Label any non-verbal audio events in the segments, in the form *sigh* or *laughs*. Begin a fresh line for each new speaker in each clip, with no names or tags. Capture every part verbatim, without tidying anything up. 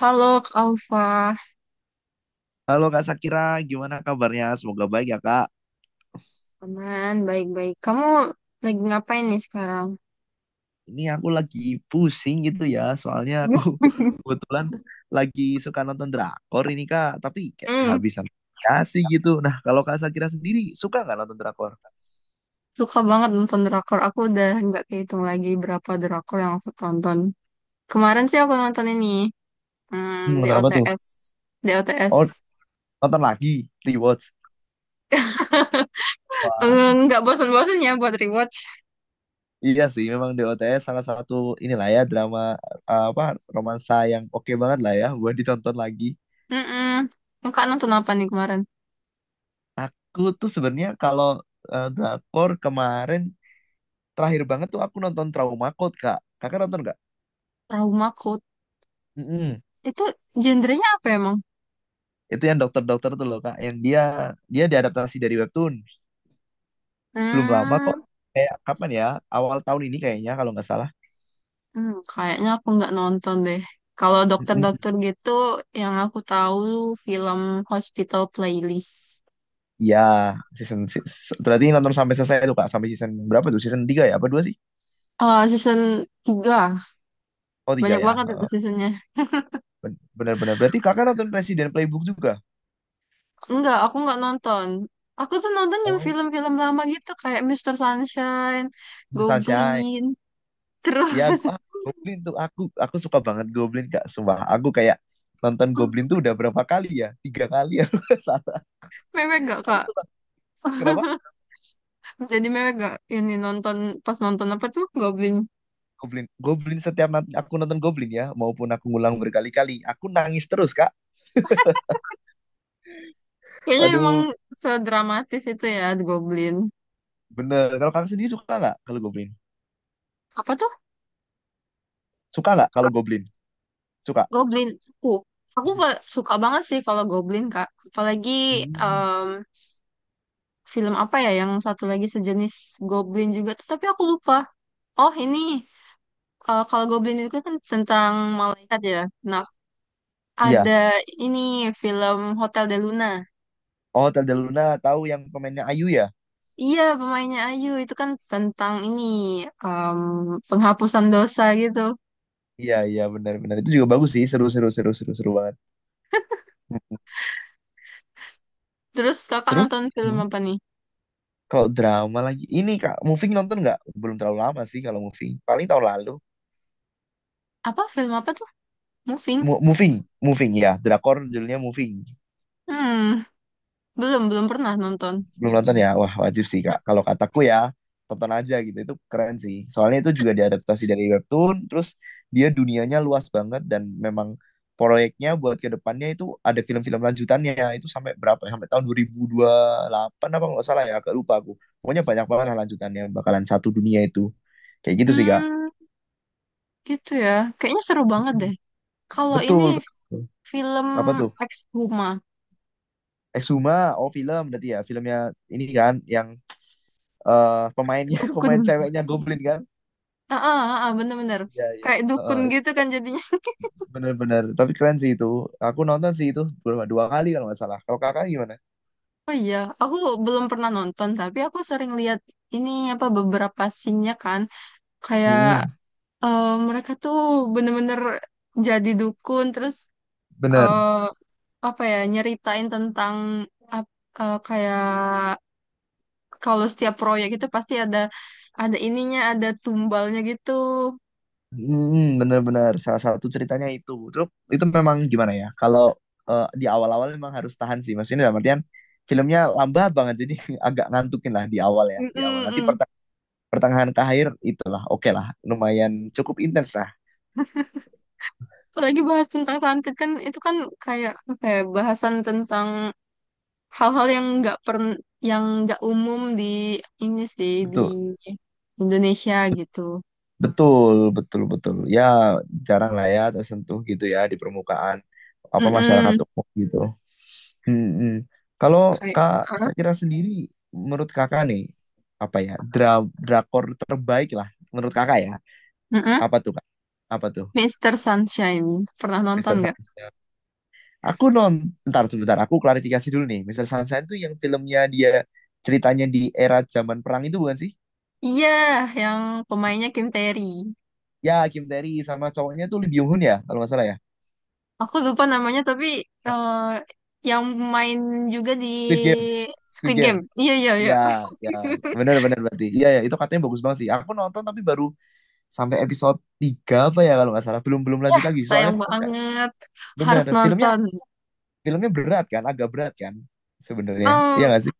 Halo, Kak Alfa.
Halo Kak Sakira, gimana kabarnya? Semoga baik ya Kak.
Aman, baik-baik. Kamu lagi ngapain nih sekarang?
Ini aku lagi pusing gitu ya, soalnya aku *laughs* kebetulan lagi suka nonton drakor ini Kak, tapi kayak
Hmm.
kehabisan kasih gitu. Nah, kalau Kak Sakira sendiri suka nggak nonton drakor?
Suka banget nonton drakor. Aku udah nggak kehitung lagi berapa drakor yang aku tonton. Kemarin sih aku nonton ini, hmm,
Hmm, nonton apa tuh?
D O T S. D O T S.
Oh, nonton lagi, rewatch. Wah,
Eh, nggak bosan-bosan ya buat rewatch.
iya sih, memang D O t s salah satu inilah ya drama eh, apa romansa yang oke banget lah ya buat ditonton lagi.
Mm-mm. Kak nonton apa nih kemarin?
Aku tuh sebenarnya kalau eh, drakor kemarin terakhir banget tuh aku nonton Trauma Code, Kak. Kakak nonton nggak?
Trauma Code.
Mm-mm.
Itu genrenya apa emang?
Itu yang dokter-dokter tuh loh, Kak. Yang dia dia diadaptasi dari webtoon. Belum lama kok.
Hmm.
Kayak kapan ya? Awal tahun ini kayaknya kalau nggak salah.
Hmm, kayaknya aku nggak nonton deh. Kalau
Mm-mm.
dokter-dokter gitu, yang aku tahu film Hospital Playlist.
Iya, season, si, se- berarti nonton sampai selesai itu Kak. Sampai season berapa tuh? Season tiga ya? Apa dua sih?
Oh, season tiga.
Oh, tiga
Banyak
ya.
banget itu
Heeh.
seasonnya.
Ben- Benar-benar. Berarti Kakak nonton Resident Playbook juga?
Enggak, aku nggak nonton. Aku tuh nonton yang
Oh,
film-film lama gitu, kayak Mister Sunshine,
Sunshine.
Goblin.
Ya,
Terus,
gu- ah, Goblin tuh aku aku suka banget Goblin Kak. Sumpah, aku kayak nonton Goblin tuh udah berapa kali ya? Tiga kali ya. *laughs* Salah.
*laughs* mewek gak,
Aku
Kak?
tuh tak- kenapa?
Jadi mewek gak ini nonton, pas nonton apa tuh Goblin?
Goblin. Goblin setiap nanti aku nonton Goblin ya, maupun aku ngulang berkali-kali, aku nangis terus, Kak.
Kayaknya emang
Aduh,
sedramatis itu ya, Goblin.
bener. Kalau kakak sendiri suka nggak kalau Goblin?
Apa tuh?
Suka nggak kalau Goblin? Suka.
Goblin. Uh, aku pa- suka banget sih kalau Goblin, Kak. Apalagi
Hmm,
em, film apa ya yang satu lagi sejenis Goblin juga tuh, tapi aku lupa. Oh, ini eh, kalau Goblin itu kan tentang malaikat ya. Nah,
iya.
ada ini film Hotel de Luna.
Oh, Zelda Luna tahu yang pemainnya Ayu ya?
Iya, pemainnya Ayu itu kan tentang ini em, penghapusan dosa gitu.
Iya, iya benar-benar. Itu juga bagus sih, seru-seru seru-seru seru banget. Hmm.
Terus Kakak
Terus
nonton film
hmm,
apa nih?
kalau drama lagi, ini Kak, Moving nonton nggak? Belum terlalu lama sih kalau Moving. Paling tahun lalu.
Apa film apa tuh? Moving?
Mo- moving, Moving ya. Drakor judulnya Moving.
Hmm, belum belum pernah nonton.
Belum nonton ya? Wah, wajib sih, Kak. Kalau kataku ya, tonton aja gitu. Itu keren sih. Soalnya itu juga diadaptasi dari webtoon, terus dia dunianya luas banget dan memang proyeknya buat ke depannya itu ada film-film lanjutannya. Itu sampai berapa ya? Sampai tahun dua dua ribu dua puluh delapan apa nggak salah ya? Agak lupa aku. Pokoknya banyak banget lah lanjutannya bakalan satu dunia itu. Kayak gitu sih, Kak.
Hmm. Gitu ya. Kayaknya seru banget deh. Kalau ini
Betul, betul.
film
Apa tuh?
Exhuma,
Exuma, oh film berarti ya. Filmnya ini kan yang eh, pemainnya *laughs*
Dukun.
pemain ceweknya Goblin kan?
Ah, ah, ah, ah, bener-bener.
Iya, iya.
Kayak dukun
Heeh,
gitu kan jadinya. *laughs*
bener-bener. Tapi keren sih itu. Aku nonton sih itu berapa dua kali kalau nggak salah. Kalau kakak gimana?
Oh iya, aku belum pernah nonton, tapi aku sering lihat ini apa beberapa scene-nya kan. Kayak
Hmm,
eh, mereka tuh bener-bener jadi dukun, terus
bener.
eh, apa ya, nyeritain tentang ap- eh, kayak kalau setiap proyek itu pasti ada ada ininya, ada tumbalnya gitu.
Hmm, bener-bener. Salah satu ceritanya itu. Terus itu memang gimana ya? Kalau eh, di awal-awal memang harus tahan sih. Maksudnya dalam artian filmnya lambat banget. Jadi *laughs* agak ngantukin lah di awal ya. Di awal.
Mm-mm,
Nanti
mm.
perteng- pertengahan ke akhir itulah. Oke lah. Lumayan cukup intens lah.
Apalagi bahas tentang santet kan itu kan kayak apa ya bahasan tentang hal-hal yang nggak pern yang nggak umum di ini sih di
Betul.
Indonesia gitu.
Betul. Betul. Betul. Ya jarang lah ya tersentuh gitu ya di permukaan apa masyarakat
Mm-mm.
umum gitu. Mm-mm. Kalau
Kayak
Kak
huh?
Sakira sendiri, menurut Kakak nih, apa ya, dra- drakor terbaik lah, menurut Kakak ya,
Mm-mm.
apa tuh Kak? Apa tuh,
Mister Sunshine pernah nonton
Mister
nggak?
Sunshine? Aku non, ntar sebentar, aku klarifikasi dulu nih, Mister Sunshine tuh yang filmnya dia, ceritanya di era zaman perang itu bukan sih?
Iya, yang pemainnya Kim Terry.
Ya, Kim Tae Ri sama cowoknya tuh Lee Byung Hun ya, kalau nggak salah ya.
Aku lupa namanya tapi eh, yang main juga di
Squid Game, Squid
Squid
Game.
Game. Iya iya iya. *laughs*
Ya, ya, benar-benar berarti. Iya, ya, itu katanya bagus banget sih. Aku nonton tapi baru sampai episode tiga apa ya kalau nggak salah, belum belum
Ya,
lanjut lagi soalnya
sayang
filmnya-
banget.
bener,
Harus
filmnya
nonton.
filmnya berat kan, agak berat kan sebenarnya,
Em,
iya nggak sih?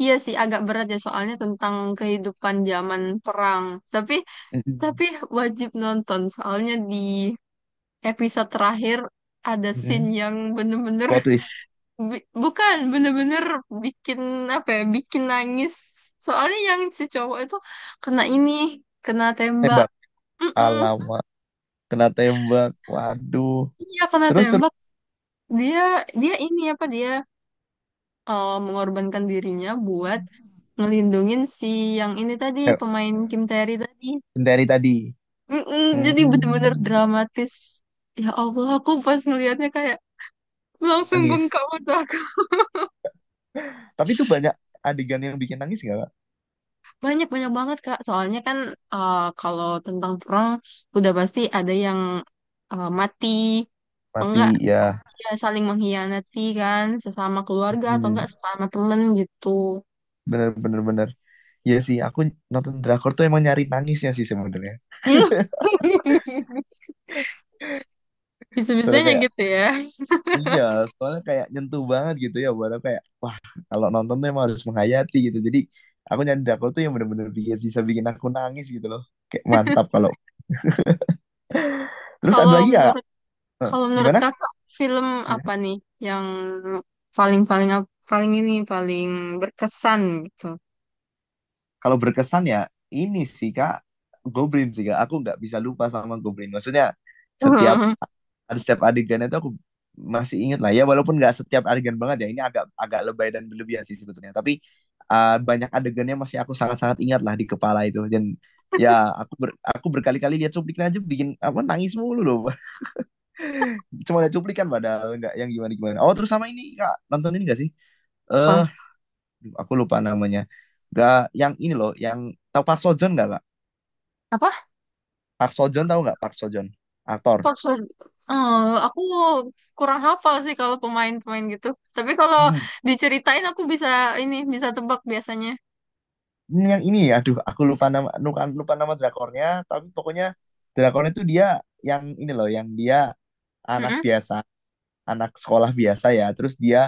iya sih agak berat ya soalnya tentang kehidupan zaman perang. Tapi
Mm-mm.
tapi wajib nonton soalnya di episode terakhir ada scene
Mm-mm.
yang bener-bener
Plot
*laughs*
twist,
bi- bukan bener-bener bikin apa ya bikin nangis. Soalnya yang si cowok itu kena ini kena tembak.
tembak,
Mm-mm.
alamat kena tembak, waduh,
Iya kena
terus terus
tembak. Dia dia ini apa dia eh, mengorbankan dirinya buat ngelindungin si yang ini tadi
ayo,
pemain Kim tae tadi.
sendiri tadi,
Mm-mm, jadi bener-bener
hmm,
dramatis. Ya Allah, aku pas ngelihatnya kayak langsung
menangis,
bengkak mata aku.
tapi itu banyak adegan yang bikin nangis nggak Kak?
Banyak banyak banget Kak. Soalnya kan eh, kalau tentang perang udah pasti ada yang eh, mati, atau
Mati
enggak
ya.
ya saling mengkhianati kan sesama keluarga atau enggak
Mm-mm.
sesama temen gitu.
Bener bener bener, ya sih aku nonton drakor tuh emang nyari nangisnya sih sebenarnya,
*laughs*
soalnya
Bisa-bisanya
kayak
gitu ya.
iya, soalnya kayak nyentuh banget gitu ya buat aku kayak wah, kalau nonton tuh emang harus menghayati gitu. Jadi aku nyari drakor tuh yang bener-bener bikin, bisa bikin aku nangis gitu loh. Kayak mantap kalau. Terus ada
Kalau
lagi ya?
menurut kalau menurut
Gimana?
Kakak film apa nih yang paling paling ap- paling ini paling berkesan gitu?
Kalau berkesan ya ini sih Kak, Goblin sih Kak. Aku nggak bisa lupa sama Goblin. Maksudnya setiap
*laughs*
ada setiap adegan itu aku masih ingat lah ya walaupun nggak setiap adegan banget ya, ini agak agak lebay dan berlebihan sih sebetulnya, tapi uh, banyak adegannya masih aku sangat-sangat ingat lah di kepala itu, dan ya aku ber, aku berkali-kali lihat cuplikan aja bikin apa nangis mulu loh. *laughs* Cuma lihat cuplikan padahal nggak yang gimana gimana. Oh terus sama ini kak, nonton ini nggak sih, eh
Apa?
aduh, aku lupa namanya, nggak yang ini loh yang, tahu Park Seo Joon nggak kak?
Apa?
Park Seo Joon, tahu nggak Park Seo Joon, aktor.
Oxford. Eh, aku kurang hafal sih kalau pemain-pemain gitu. Tapi kalau
Hmm.
diceritain aku bisa ini bisa tebak biasanya.
Ini yang ini, aduh aku lupa nama, lupa, lupa nama drakornya, tapi pokoknya drakornya itu dia yang ini loh yang dia anak
Mm-mm,
biasa, anak sekolah biasa ya. Terus dia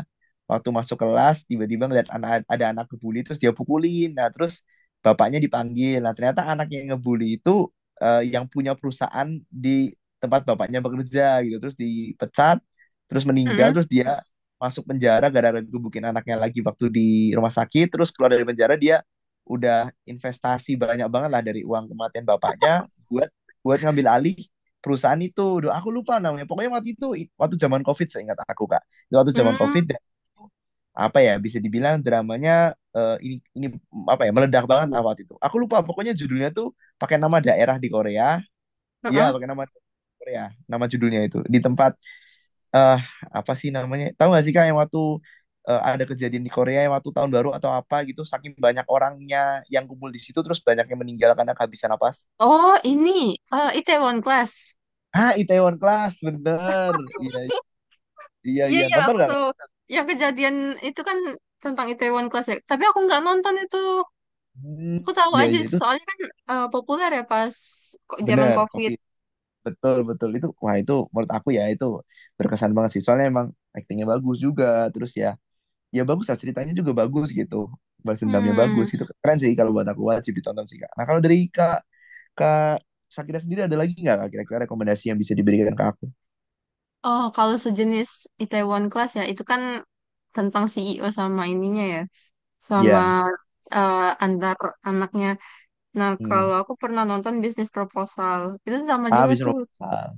waktu masuk kelas tiba-tiba ngeliat anak, ada anak ngebully terus dia pukulin. Nah, terus bapaknya dipanggil. Nah, ternyata anak yang ngebully itu eh, yang punya perusahaan di tempat bapaknya bekerja gitu. Terus dipecat, terus meninggal,
mm-mm,
terus dia masuk penjara gara-gara gebukin anaknya lagi waktu di rumah sakit. Terus keluar dari penjara dia udah investasi banyak banget lah dari uang kematian bapaknya buat buat ngambil alih perusahaan itu. Duh, aku lupa namanya. Pokoknya waktu itu waktu zaman COVID seingat aku Kak. Itu waktu zaman
mm,
COVID dan itu, apa ya, bisa dibilang dramanya eh, ini ini apa ya, meledak banget lah waktu itu. Aku lupa pokoknya judulnya tuh pakai nama daerah di Korea. Iya,
mm-mm.
pakai nama Korea. Nama judulnya itu di tempat eh apa sih namanya? Tahu nggak sih Kak yang waktu eh, ada kejadian di Korea yang waktu tahun baru atau apa gitu, saking banyak orangnya yang kumpul di situ terus banyak yang meninggal karena kehabisan napas.
Oh ini eh, Itaewon Class.
Ah, Itaewon Class, bener. Iya,
*laughs*
iya
Iya
iya,
iya
nonton
aku
nggak Kak?
tahu. Yang kejadian itu kan tentang Itaewon Class ya. Tapi aku nggak nonton itu.
Hmm,
Aku tahu
iya
aja
iya itu,
soalnya kan eh, populer ya pas ko- zaman
benar
COVID.
COVID, betul betul itu, wah itu menurut aku ya, itu berkesan banget sih soalnya emang aktingnya bagus juga, terus ya ya bagus lah, ceritanya juga bagus gitu, balas dendamnya bagus
Hmm.
gitu, keren sih kalau buat aku, wajib ditonton sih kak. Nah kalau dari kak kak Sakira sendiri ada lagi nggak Kak, kira-kira rekomendasi yang bisa diberikan ke aku?
Oh, kalau sejenis Itaewon Class ya, itu kan tentang C E O sama ininya ya, sama
Iya.
eh, antar anaknya. Nah,
Hmm.
kalau aku pernah nonton bisnis proposal, itu sama
Ah
juga
habis.
tuh.
Ah.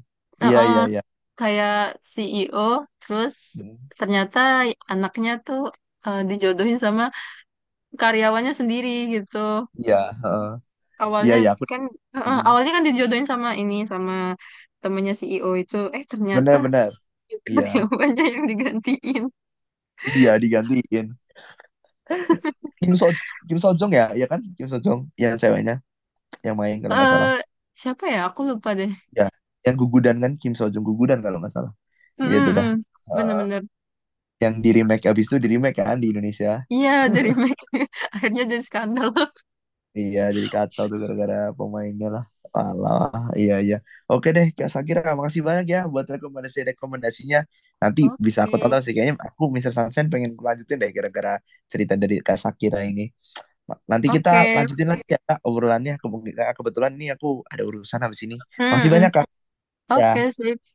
Eh,
Iya
eh,
iya iya.
kayak C E O, terus
Hmm.
ternyata anaknya tuh eh, dijodohin sama karyawannya sendiri gitu.
Iya. Heeh. Iya
Awalnya
iya aku.
kan, eh, eh,
Hmm.
awalnya kan dijodohin sama ini, sama temennya C E O itu. Eh, ternyata
Benar benar.
*laughs*
Iya.
karyawannya yang digantiin.
Iya digantiin. Kim So Kim So Jong ya, ya kan? Kim So Jong yang ceweknya yang main kalau nggak
Eh,
salah.
siapa ya? Aku lupa deh.
Ya, yang gugudan kan, Kim So Jong gugudan kalau nggak salah. Iya itu dah.
Mm-mm-mm.
Eh,
Bener-bener.
yang di remake, abis itu di remake kan di Indonesia.
Iya, The Remake. *laughs* Akhirnya jadi skandal.
Iya, jadi kacau tuh gara-gara pemainnya lah. Alah, iya iya. Oke deh, Kak Sakira, makasih banyak ya buat rekomendasi-rekomendasinya. Nanti
*laughs*
bisa aku
Oke.
tonton sih kayaknya, aku Mister Sunshine pengen lanjutin deh gara-gara cerita dari Kak Sakira ini. Ma- Nanti kita
Oke.
lanjutin lagi ya Kak, obrolannya. Kebetulan kebetulan ini aku ada urusan habis ini. Makasih
Mm-mm.
banyak Kak.
Oke
Ya.
sih.